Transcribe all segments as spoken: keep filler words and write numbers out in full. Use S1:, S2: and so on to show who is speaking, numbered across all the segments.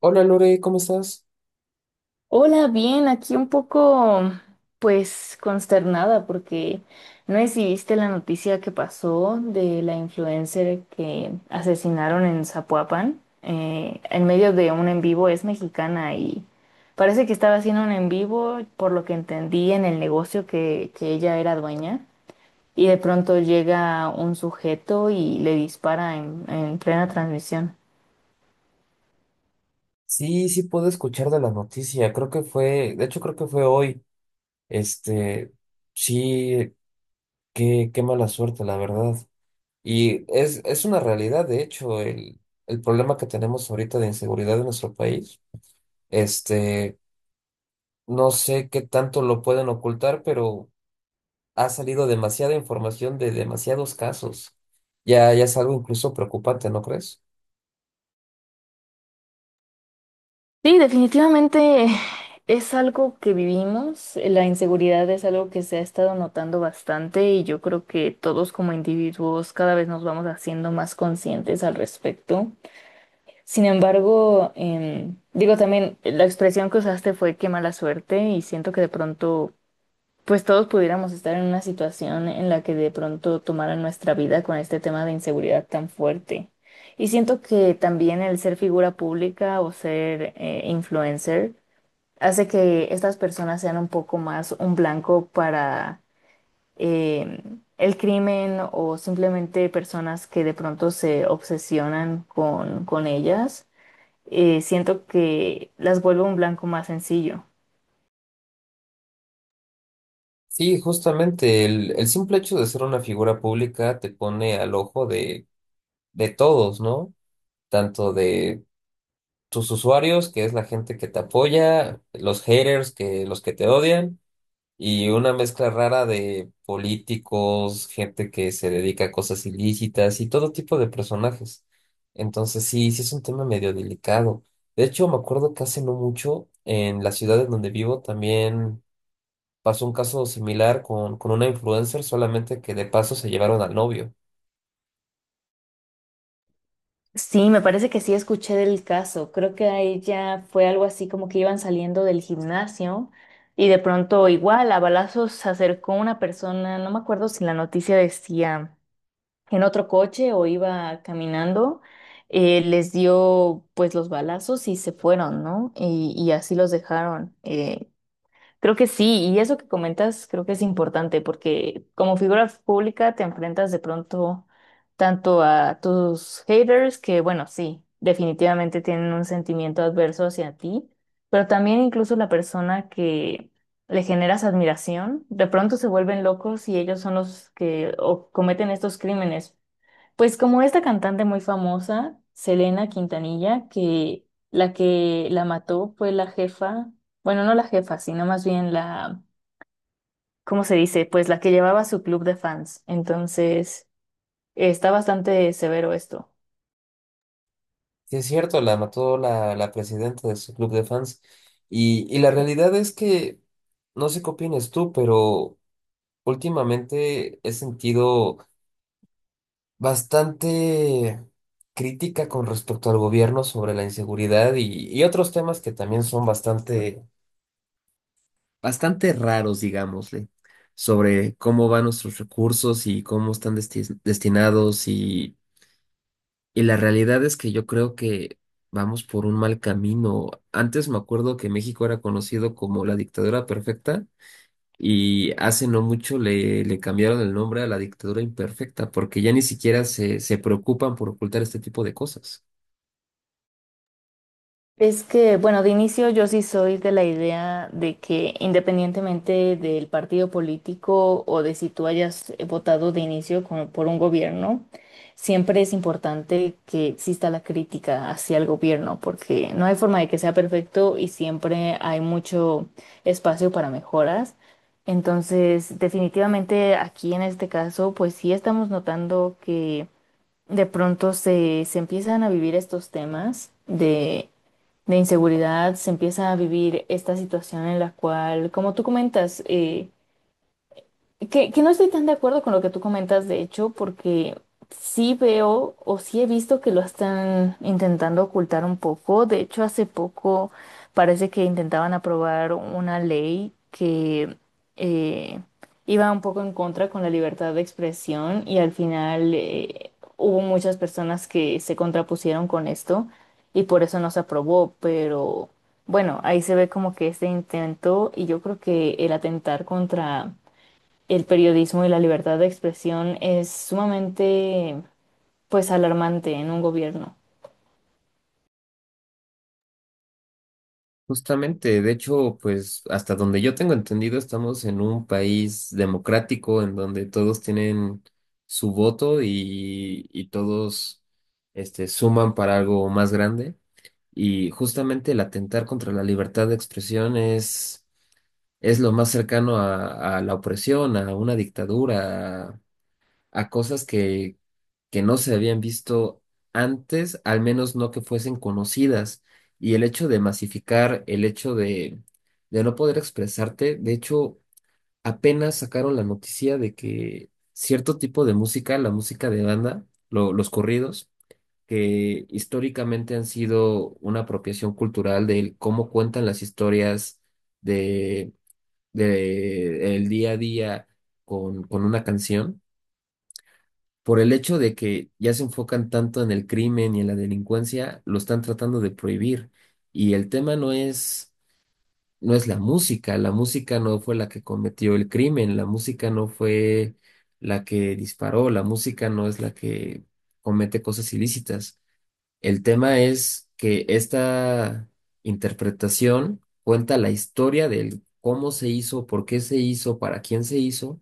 S1: Hola Lore, ¿cómo estás?
S2: Hola, bien, aquí un poco, pues, consternada porque no sé si viste la noticia que pasó de la influencer que asesinaron en Zapopan, eh, en medio de un en vivo. Es mexicana y parece que estaba haciendo un en vivo, por lo que entendí, en el negocio que, que ella era dueña, y de pronto llega un sujeto y le dispara en en plena transmisión.
S1: Sí, sí puedo escuchar de la noticia. Creo que fue, de hecho creo que fue hoy. Este, sí, qué, qué mala suerte, la verdad. Y es, es una realidad, de hecho, el, el problema que tenemos ahorita de inseguridad en nuestro país. Este, no sé qué tanto lo pueden ocultar, pero ha salido demasiada información de demasiados casos. Ya, ya es algo incluso preocupante, ¿no crees?
S2: Sí, definitivamente es algo que vivimos. La inseguridad es algo que se ha estado notando bastante, y yo creo que todos como individuos cada vez nos vamos haciendo más conscientes al respecto. Sin embargo, em, digo también, la expresión que usaste fue "qué mala suerte", y siento que de pronto, pues todos pudiéramos estar en una situación en la que de pronto tomaran nuestra vida con este tema de inseguridad tan fuerte. Y siento que también el ser figura pública o ser eh, influencer, hace que estas personas sean un poco más un blanco para eh, el crimen, o simplemente personas que de pronto se obsesionan con, con ellas. Eh, siento que las vuelve un blanco más sencillo.
S1: Sí, justamente el, el simple hecho de ser una figura pública te pone al ojo de, de todos, ¿no? Tanto de tus usuarios, que es la gente que te apoya, los haters, que los que te odian, y una mezcla rara de políticos, gente que se dedica a cosas ilícitas y todo tipo de personajes. Entonces, sí, sí es un tema medio delicado. De hecho, me acuerdo que hace no mucho en la ciudad en donde vivo también pasó un caso similar con, con una influencer, solamente que de paso se llevaron al novio.
S2: Sí, me parece que sí escuché del caso. Creo que a ella fue algo así como que iban saliendo del gimnasio y de pronto igual a balazos se acercó una persona, no me acuerdo si la noticia decía en otro coche o iba caminando, eh, les dio pues los balazos y se fueron, ¿no? Y, y así los dejaron. Eh, creo que sí, y eso que comentas creo que es importante porque como figura pública te enfrentas de pronto tanto a tus haters que, bueno, sí, definitivamente tienen un sentimiento adverso hacia ti, pero también incluso la persona que... le generas admiración, de pronto se vuelven locos y ellos son los que o- cometen estos crímenes, pues como esta cantante muy famosa, Selena Quintanilla, que la que la mató fue la jefa, bueno, no la jefa, sino más bien la, ¿cómo se dice? Pues la que llevaba su club de fans. Entonces, está bastante severo esto.
S1: Sí, es cierto, la mató la, la presidenta de su club de fans. Y, y la realidad es que, no sé qué opinas tú, pero últimamente he sentido bastante crítica con respecto al gobierno sobre la inseguridad y, y otros temas que también son bastante, bastante raros, digámosle, sobre cómo van nuestros recursos y cómo están desti- destinados. y Y la realidad es que yo creo que vamos por un mal camino. Antes me acuerdo que México era conocido como la dictadura perfecta y hace no mucho le, le cambiaron el nombre a la dictadura imperfecta porque ya ni siquiera se, se preocupan por ocultar este tipo de cosas.
S2: Es que, bueno, de inicio yo sí soy de la idea de que independientemente del partido político, o de si tú hayas eh, votado de inicio con- por un gobierno, siempre es importante que exista la crítica hacia el gobierno, porque no hay forma de que sea perfecto y siempre hay mucho espacio para mejoras. Entonces, definitivamente aquí en este caso, pues sí estamos notando que de pronto se, se empiezan a vivir estos temas de inseguridad, se empieza a vivir esta situación en la cual, como tú comentas, eh, que, que no estoy tan de acuerdo con lo que tú comentas, de hecho, porque sí veo, o sí he visto, que lo están intentando ocultar un poco. De hecho, hace poco parece que intentaban aprobar una ley que eh, iba un poco en contra con la libertad de expresión, y al final eh, hubo muchas personas que se contrapusieron con esto y por eso no se aprobó, pero bueno, ahí se ve como que este intento. Y yo creo que el atentar contra el periodismo y la libertad de expresión es sumamente, pues, alarmante en un gobierno.
S1: Justamente, de hecho, pues hasta donde yo tengo entendido, estamos en un país democrático en donde todos tienen su voto y, y todos este, suman para algo más grande. Y justamente el atentar contra la libertad de expresión es, es lo más cercano a, a la opresión, a una dictadura, a, a cosas que, que no se habían visto antes, al menos no que fuesen conocidas. Y el hecho de masificar, el hecho de, de no poder expresarte. De hecho, apenas sacaron la noticia de que cierto tipo de música, la música de banda, lo- los corridos, que históricamente han sido una apropiación cultural del cómo cuentan las historias de, de el día a día con, con una canción. Por el hecho de que ya se enfocan tanto en el crimen y en la delincuencia, lo están tratando de prohibir. Y el tema no es, no es la música, la música no fue la que cometió el crimen, la música no fue la que disparó, la música no es la que comete cosas ilícitas. El tema es que esta interpretación cuenta la historia del cómo se hizo, por qué se hizo, para quién se hizo,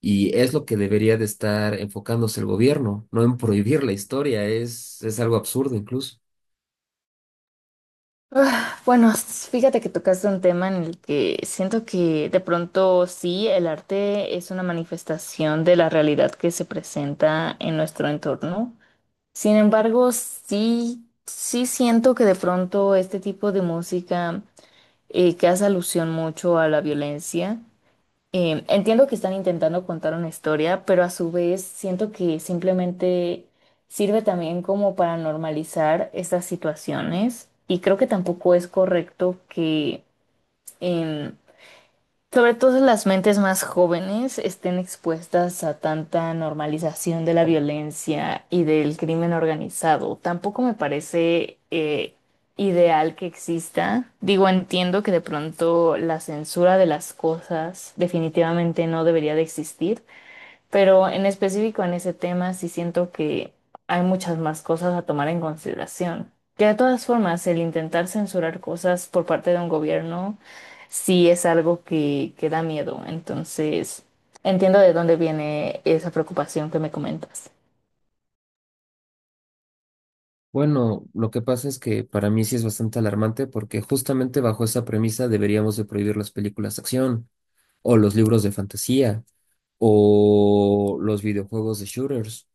S1: y es lo que debería de estar enfocándose el gobierno, no en prohibir la historia. Es, es algo absurdo incluso.
S2: Bueno, s- fíjate que tocaste un tema en el que siento que de pronto sí, el arte es una manifestación de la realidad que se presenta en nuestro entorno. Sin embargo, sí, sí siento que de pronto este tipo de música eh, que hace alusión mucho a la violencia. Eh, entiendo que están intentando contar una historia, pero a su vez siento que simplemente sirve también como para normalizar estas situaciones, y creo que tampoco es correcto que em, sobre todo las mentes más jóvenes estén expuestas a tanta normalización de la violencia y del crimen organizado. Tampoco me parece eh, ideal que exista. Digo, entiendo que de pronto la censura de las cosas definitivamente no debería de existir, pero en específico en ese tema sí siento que hay muchas más cosas a tomar en consideración. Que de todas formas, el intentar censurar cosas por parte de un gobierno sí es algo que, que da miedo. Entonces, entiendo de dónde viene esa preocupación que me comentas.
S1: Bueno, lo que pasa es que para mí sí es bastante alarmante, porque justamente bajo esa premisa deberíamos de prohibir las películas de acción, o los libros de fantasía, o los videojuegos de shooters.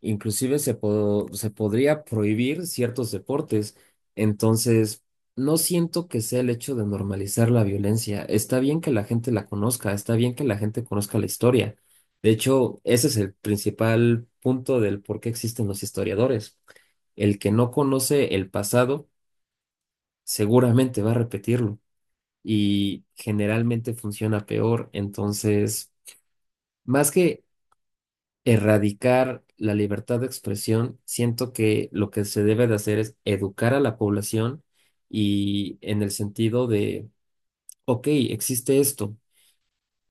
S1: Inclusive se, po- se podría prohibir ciertos deportes. Entonces, no siento que sea el hecho de normalizar la violencia. Está bien que la gente la conozca, está bien que la gente conozca la historia. De hecho, ese es el principal punto del por qué existen los historiadores. El que no conoce el pasado seguramente va a repetirlo, y generalmente funciona peor. Entonces, más que erradicar la libertad de expresión, siento que lo que se debe de hacer es educar a la población, y en el sentido de, ok, existe esto.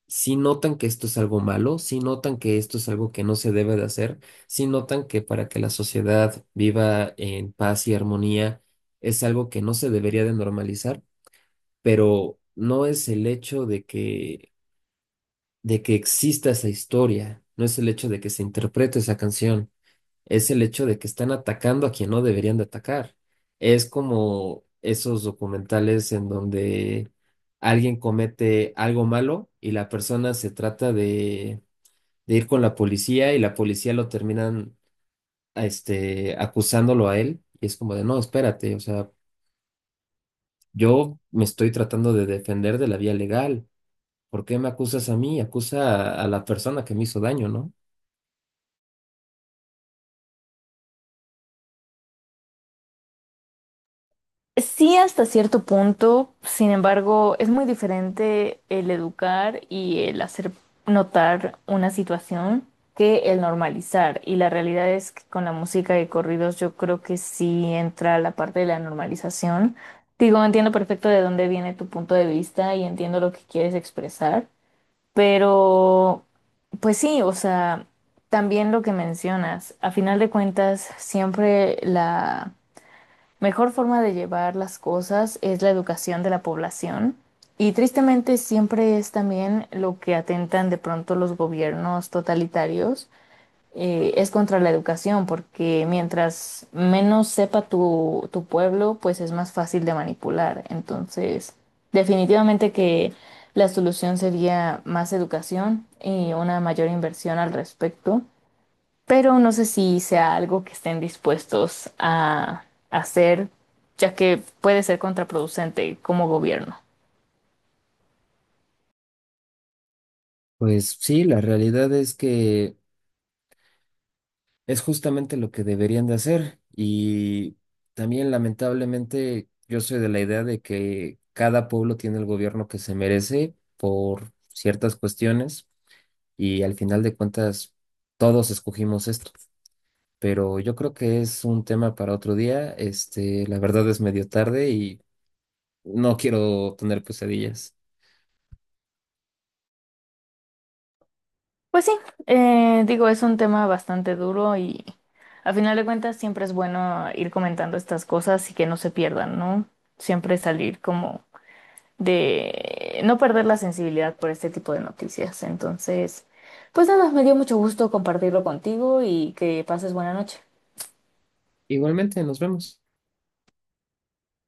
S1: Si notan que esto es algo malo, si notan que esto es algo que no se debe de hacer, si notan que para que la sociedad viva en paz y armonía es algo que no se debería de normalizar, pero no es el hecho de que, de que exista esa historia, no es el hecho de que se interprete esa canción, es el hecho de que están atacando a quien no deberían de atacar. Es como esos documentales en donde alguien comete algo malo y la persona se trata de, de ir con la policía, y la policía lo terminan a este, acusándolo a él. Y es como de, no, espérate, o sea, yo me estoy tratando de defender de la vía legal. ¿Por qué me acusas a mí? Acusa a a la persona que me hizo daño, ¿no?
S2: Sí, hasta cierto punto, sin embargo, es muy diferente el educar y el hacer notar una situación que el normalizar. Y la realidad es que con la música de corridos yo creo que sí entra la parte de la normalización. Digo, entiendo perfecto de dónde viene tu punto de vista y entiendo lo que quieres expresar, pero pues sí, o sea, también lo que mencionas, a final de cuentas, siempre la mejor forma de llevar las cosas es la educación de la población, y tristemente siempre es también lo que atentan de pronto los gobiernos totalitarios. Eh, es contra la educación, porque mientras menos sepa tu, tu pueblo, pues es más fácil de manipular. Entonces, definitivamente que la solución sería más educación y una mayor inversión al respecto, pero no sé si sea algo que estén dispuestos a hacer, ya que puede ser contraproducente como gobierno.
S1: Pues sí, la realidad es que es justamente lo que deberían de hacer, y también lamentablemente yo soy de la idea de que cada pueblo tiene el gobierno que se merece por ciertas cuestiones, y al final de cuentas todos escogimos esto, pero yo creo que es un tema para otro día. Este, la verdad es medio tarde y no quiero tener pesadillas.
S2: Pues sí, eh, digo, es un tema bastante duro, y a final de cuentas siempre es bueno ir comentando estas cosas y que no se pierdan, ¿no? Siempre salir como de no perder la sensibilidad por este tipo de noticias. Entonces, pues nada, me dio mucho gusto compartirlo contigo y que pases buena noche.
S1: Igualmente, nos vemos.